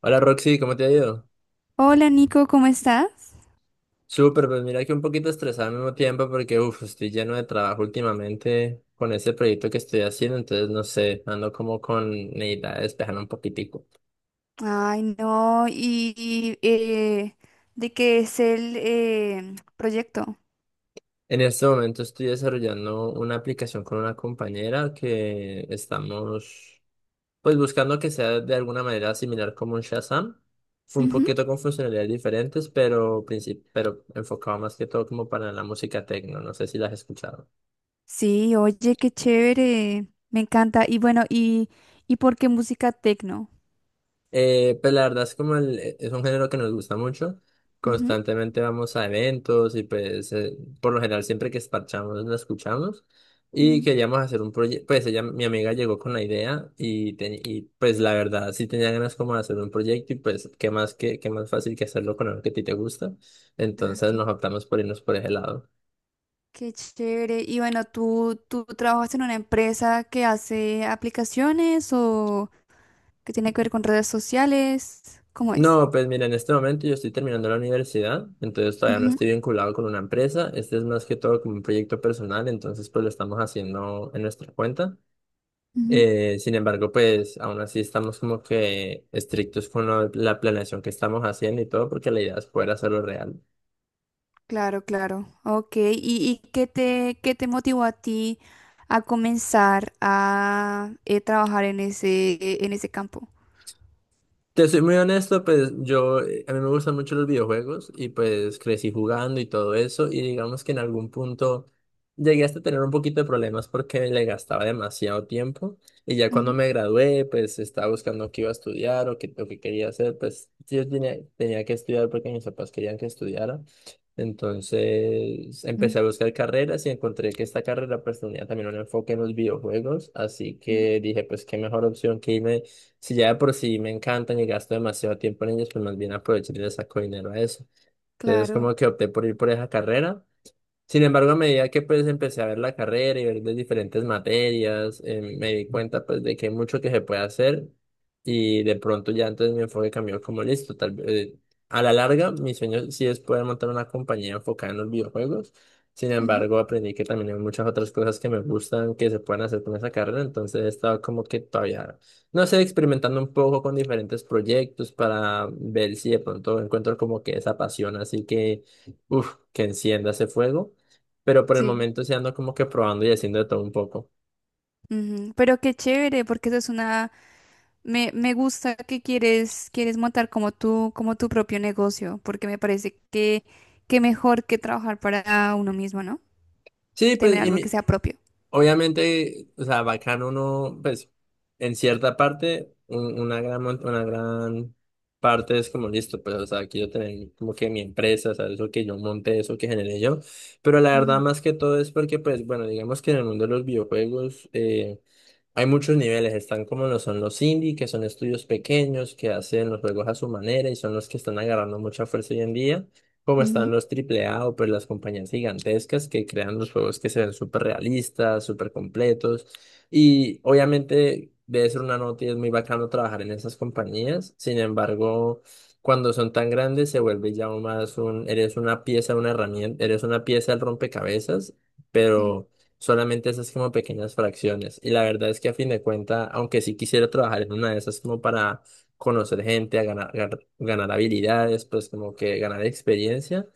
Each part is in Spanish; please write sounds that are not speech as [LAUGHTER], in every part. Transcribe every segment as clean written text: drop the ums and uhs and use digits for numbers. Hola Roxy, ¿cómo te ha ido? Hola Nico, ¿cómo estás? Súper, pues mira que un poquito estresado al mismo tiempo porque estoy lleno de trabajo últimamente con ese proyecto que estoy haciendo, entonces no sé, ando como con necesidad de despejarme un poquitico. Ay, no, ¿de qué es el proyecto? En este momento estoy desarrollando una aplicación con una compañera que estamos pues buscando que sea de alguna manera similar como un Shazam. Fue un Ujú. poquito con funcionalidades diferentes, pero, pero enfocado más que todo como para la música techno, no sé si la has escuchado. Sí, oye, qué chévere, me encanta. Y bueno, ¿y por qué música tecno? Pues la verdad es como es un género que nos gusta mucho. Ujú, Constantemente vamos a eventos y por lo general siempre que esparchamos la escuchamos. Y ujú. queríamos hacer un proyecto, pues ella, mi amiga llegó con la idea y pues la verdad sí tenía ganas como de hacer un proyecto y pues qué más, qué más fácil que hacerlo con algo que a ti te gusta. Ah, Entonces sí, nos optamos por irnos por ese lado. qué chévere. Y bueno, ¿tú trabajas en una empresa que hace aplicaciones o que tiene que ver con redes sociales? ¿Cómo es? No, pues mira, en este momento yo estoy terminando la universidad, entonces todavía no Ujú, estoy vinculado con una empresa. Este es más que todo como un proyecto personal, entonces pues lo estamos haciendo en nuestra cuenta. ujú. Sin embargo, pues aún así estamos como que estrictos con la planeación que estamos haciendo y todo, porque la idea es poder hacerlo real. Claro, claro. Ok. ¿Y qué te motivó a ti a comenzar a trabajar en ese campo? Te soy muy honesto, pues a mí me gustan mucho los videojuegos y pues crecí jugando y todo eso y digamos que en algún punto llegué hasta tener un poquito de problemas porque le gastaba demasiado tiempo y ya cuando Ujú, me gradué pues estaba buscando qué iba a estudiar o qué quería hacer, pues yo tenía que estudiar porque mis papás querían que estudiara. Entonces ujú, empecé a buscar carreras y encontré que esta carrera pues tenía también un enfoque en los videojuegos, así ujú. que dije pues qué mejor opción que irme, si ya de por sí me encantan y gasto demasiado tiempo en ellos, pues más bien aprovechar y le saco dinero a eso. Entonces Claro, como que opté por ir por esa carrera. Sin embargo, a medida que pues empecé a ver la carrera y ver las diferentes materias, me di cuenta pues de que hay mucho que se puede hacer y de pronto ya entonces mi enfoque cambió como listo. Tal vez, a la larga, mi sueño sí es poder montar una compañía enfocada en los videojuegos. Sin ujú, embargo, aprendí que también hay muchas otras cosas que me gustan que se pueden hacer con esa carrera, entonces he estado como que todavía, no sé, experimentando un poco con diferentes proyectos para ver si de pronto encuentro como que esa pasión, así que, que encienda ese fuego, pero por el sí. momento sí ando como que probando y haciendo de todo un poco. Ujú, pero qué chévere, porque me gusta que quieres montar como tu propio negocio, porque me parece que mejor que trabajar para uno mismo, ¿no? Sí, Tener pues, algo que sea propio. obviamente, o sea, bacano uno, pues, en cierta parte, una gran, una gran parte es como listo, pues, o sea, quiero tener como que mi empresa, o sea, eso que yo monté, eso que generé yo, pero la verdad Ujú. más que todo es porque, pues, bueno, digamos que en el mundo de los videojuegos, hay muchos niveles, están como lo son los indie, que son estudios pequeños que hacen los juegos a su manera y son los que están agarrando mucha fuerza hoy en día, como están Ujú, los AAA o pues las compañías gigantescas que crean los juegos que se ven súper realistas, súper completos, y obviamente debe ser una nota y es muy bacano trabajar en esas compañías. Sin embargo, cuando son tan grandes se vuelve ya más un, eres una pieza, una herramienta, eres una pieza del rompecabezas, sí. pero... solamente esas como pequeñas fracciones. Y la verdad es que a fin de cuentas, aunque sí quisiera trabajar en una de esas como para conocer gente, ganar habilidades, pues como que ganar experiencia,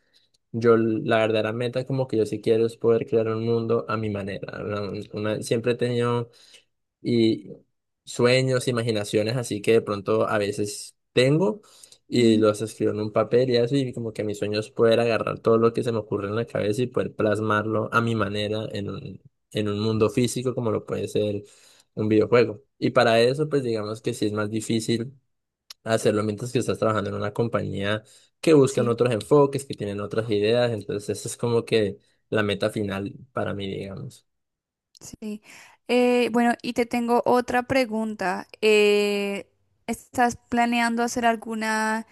la verdadera meta como que yo sí quiero es poder crear un mundo a mi manera. Siempre he tenido y sueños, imaginaciones, así que de pronto a veces tengo y Ujú, los escribo en un papel y eso, y como que mis sueños poder agarrar todo lo que se me ocurre en la cabeza y poder plasmarlo a mi manera en en un mundo físico como lo puede ser un videojuego. Y para eso, pues digamos que sí es más difícil hacerlo mientras que estás trabajando en una compañía que buscan sí. otros enfoques, que tienen otras ideas, entonces esa es como que la meta final para mí, digamos. Sí. Bueno, y te tengo otra pregunta. ¿Estás planeando hacer alguna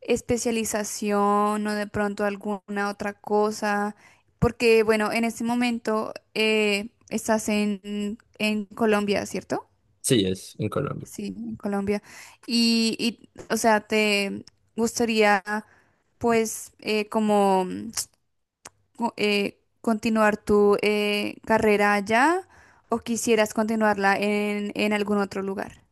especialización o de pronto alguna otra cosa? Porque, bueno, en este momento estás en Colombia, ¿cierto? Sí, es en Colombia. Sí, en Colombia. Y, o sea, ¿te gustaría, pues, como continuar tu carrera allá o quisieras continuarla en algún otro lugar?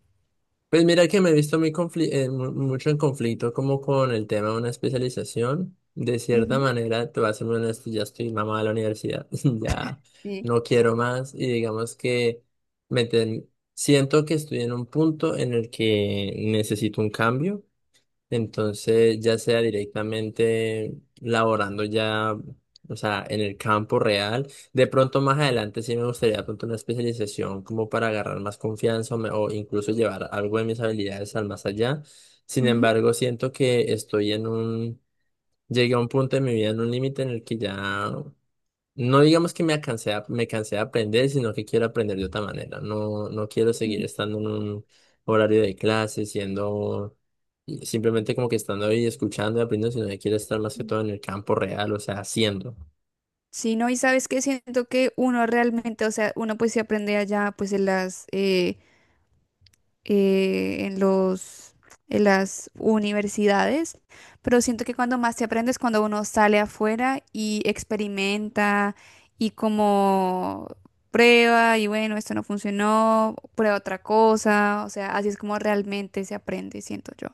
Pues mira que me he visto muy mucho en conflicto como con el tema de una especialización. De cierta Ujú, manera, te voy a ser muy honesto, ya estoy mamado de la universidad, [LAUGHS] ya sí, no quiero más y digamos que me ten- siento que estoy en un punto en el que necesito un cambio. Entonces, ya sea directamente laborando ya, o sea, en el campo real, de pronto más adelante sí me gustaría de pronto una especialización como para agarrar más confianza o incluso llevar algo de mis habilidades al más allá. Sin ujú. embargo, siento que estoy en un, llegué a un punto de mi vida, en un límite en el que ya no digamos que me cansé, me cansé de aprender, sino que quiero aprender de otra manera. No, no quiero seguir Sí. estando en un horario de clase, siendo simplemente como que estando ahí escuchando y aprendiendo, sino que quiero estar más que Mm. todo en el campo real, o sea, haciendo. Sí, no, y sabes que siento que uno realmente, o sea, uno pues se aprende allá pues eh, en los, en las universidades, pero siento que cuando más te aprendes, cuando uno sale afuera y experimenta y como prueba y bueno, esto no funcionó, prueba otra cosa, o sea, así es como realmente se aprende, siento yo.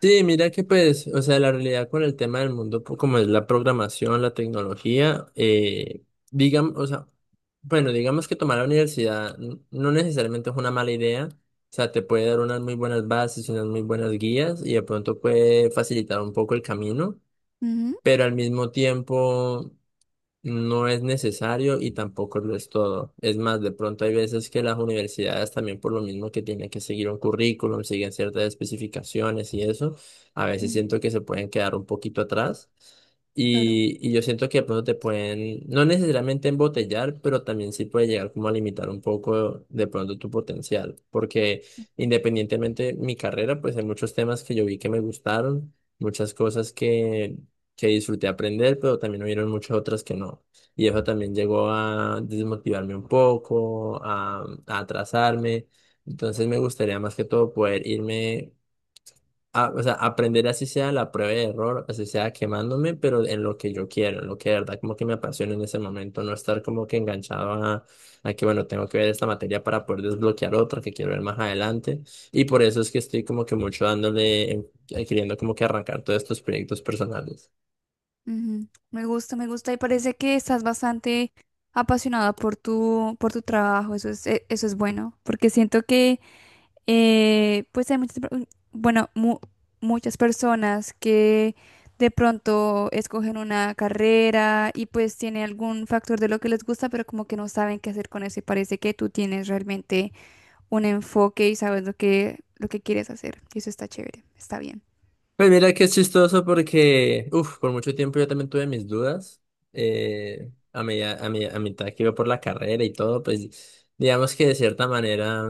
Sí, mira que pues, o sea, la realidad con el tema del mundo, como es la programación, la tecnología, digamos, o sea, bueno, digamos que tomar la universidad no necesariamente es una mala idea, o sea, te puede dar unas muy buenas bases, unas muy buenas guías y de pronto puede facilitar un poco el camino, Ujú, pero al mismo tiempo... no es necesario y tampoco lo es todo. Es más, de pronto hay veces que las universidades también por lo mismo que tienen que seguir un currículum, siguen ciertas especificaciones y eso, a veces mm, siento que se pueden quedar un poquito atrás. claro. Y yo siento que de pronto te pueden, no necesariamente embotellar, pero también sí puede llegar como a limitar un poco de pronto tu potencial. Porque independientemente de mi carrera, pues hay muchos temas que yo vi que me gustaron, muchas cosas que disfruté aprender, pero también hubieron muchas otras que no. Y eso también llegó a desmotivarme un poco, a atrasarme. Entonces me gustaría más que todo poder irme, a, o sea, aprender así sea la prueba de error, así sea quemándome, pero en lo que yo quiero, en lo que de verdad como que me apasiona en ese momento, no estar como que enganchado a que, bueno, tengo que ver esta materia para poder desbloquear otra que quiero ver más adelante. Y por eso es que estoy como que mucho dándole, queriendo como que arrancar todos estos proyectos personales. Ujú. Me gusta y parece que estás bastante apasionada por tu, trabajo, eso es bueno, porque siento que pues hay bueno, muchas personas que de pronto escogen una carrera y pues tiene algún factor de lo que les gusta, pero como que no saben qué hacer con eso y parece que tú tienes realmente un enfoque y sabes lo que, quieres hacer. Y eso está chévere, está bien. Pues mira que es chistoso porque, por mucho tiempo yo también tuve mis dudas. A a mitad que iba por la carrera y todo, pues digamos que de cierta manera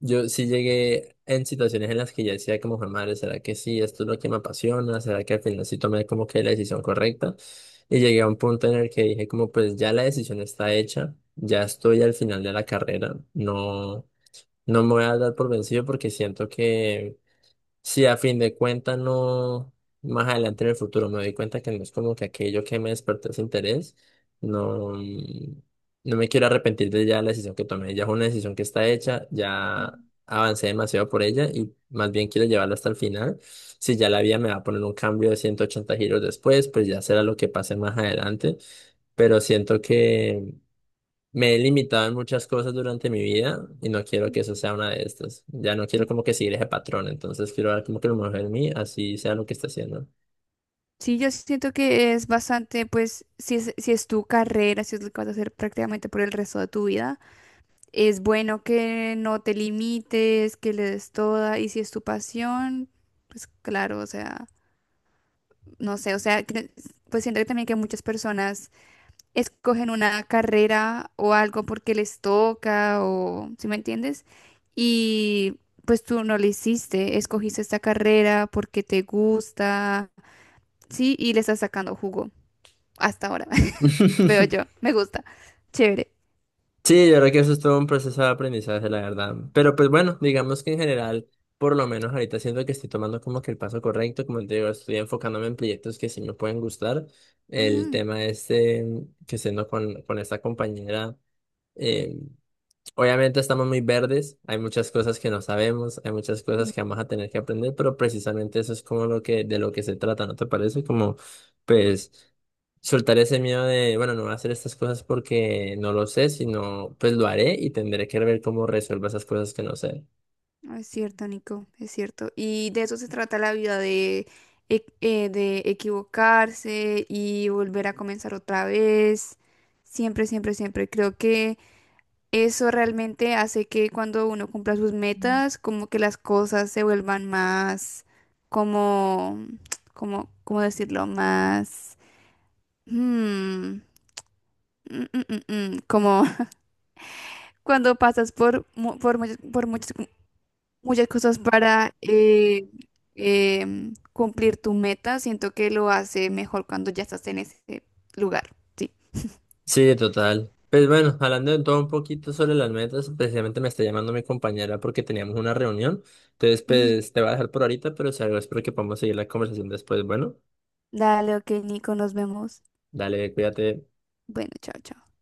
yo sí llegué en situaciones en las que ya decía como, "Jue madre, ¿será que sí? Esto es lo que me apasiona, ¿será que al final sí tomé como que la decisión correcta?" Y llegué a un punto en el que dije como, pues ya la decisión está hecha, ya estoy al final de la carrera, no, no me voy a dar por vencido porque siento que... sí, a fin de cuentas, no, más adelante en el futuro me doy cuenta que no es como que aquello que me despertó ese interés, no, no me quiero arrepentir de ya la decisión que tomé, ya es una decisión que está hecha, ya avancé demasiado por ella y más bien quiero llevarla hasta el final. Si ya la vida me va a poner un cambio de 180 giros después, pues ya será lo que pase más adelante, pero siento que... me he limitado en muchas cosas durante mi vida y no quiero que Ujú. eso sea una de estas. Ya no quiero como que seguir ese patrón, entonces quiero ver como que lo mejor en mí, así sea lo que esté haciendo. Sí, yo siento que es bastante, pues, si es tu carrera, si es lo que vas a hacer prácticamente por el resto de tu vida, es bueno que no te limites, que le des toda, y si es tu pasión, pues claro, o sea, no sé, o sea, pues siento que también que muchas personas escogen una carrera o algo porque les toca, ¿si me entiendes? Y pues tú no lo hiciste, escogiste esta carrera porque te gusta, sí, y le estás sacando jugo hasta ahora. Veo yo, [LAUGHS] me gusta. Chévere. Sí, yo creo que eso es todo un proceso de aprendizaje, la verdad. Pero pues bueno, digamos que en general, por lo menos ahorita siento que estoy tomando como que el paso correcto, como te digo, estoy enfocándome en proyectos que sí me pueden gustar. El Mm, tema este que siendo con esta compañera. em, Obviamente estamos muy verdes, hay muchas cosas que no sabemos, hay muchas cosas sí, que vamos a tener que aprender, pero precisamente eso es como lo que, de lo que se trata, ¿no te parece? Como, pues, soltar ese miedo de, bueno, no voy a hacer estas cosas porque no lo sé, sino, pues lo haré y tendré que ver cómo resuelvo esas cosas que no sé. no, es cierto, Nico, es cierto. Y de eso se trata la vida, de equivocarse y volver a comenzar otra vez. Siempre, siempre, siempre. Creo que eso realmente hace que cuando uno cumpla sus metas, como que las cosas se vuelvan más, como, como, ¿cómo decirlo? Más... mm, mm, mm, como [LAUGHS] cuando pasas por muchas muchas cosas para cumplir tu meta. Siento que lo hace mejor cuando ya estás en ese lugar. Sí. Sí, total. Pues bueno, hablando de todo un poquito sobre las metas, precisamente me está llamando mi compañera porque teníamos una reunión, entonces, Ujú. pues, te voy a dejar por ahorita, pero si algo espero que podamos seguir la conversación después. Bueno, Dale, ok, Nico, nos vemos. dale, cuídate. Bueno, chao, chao.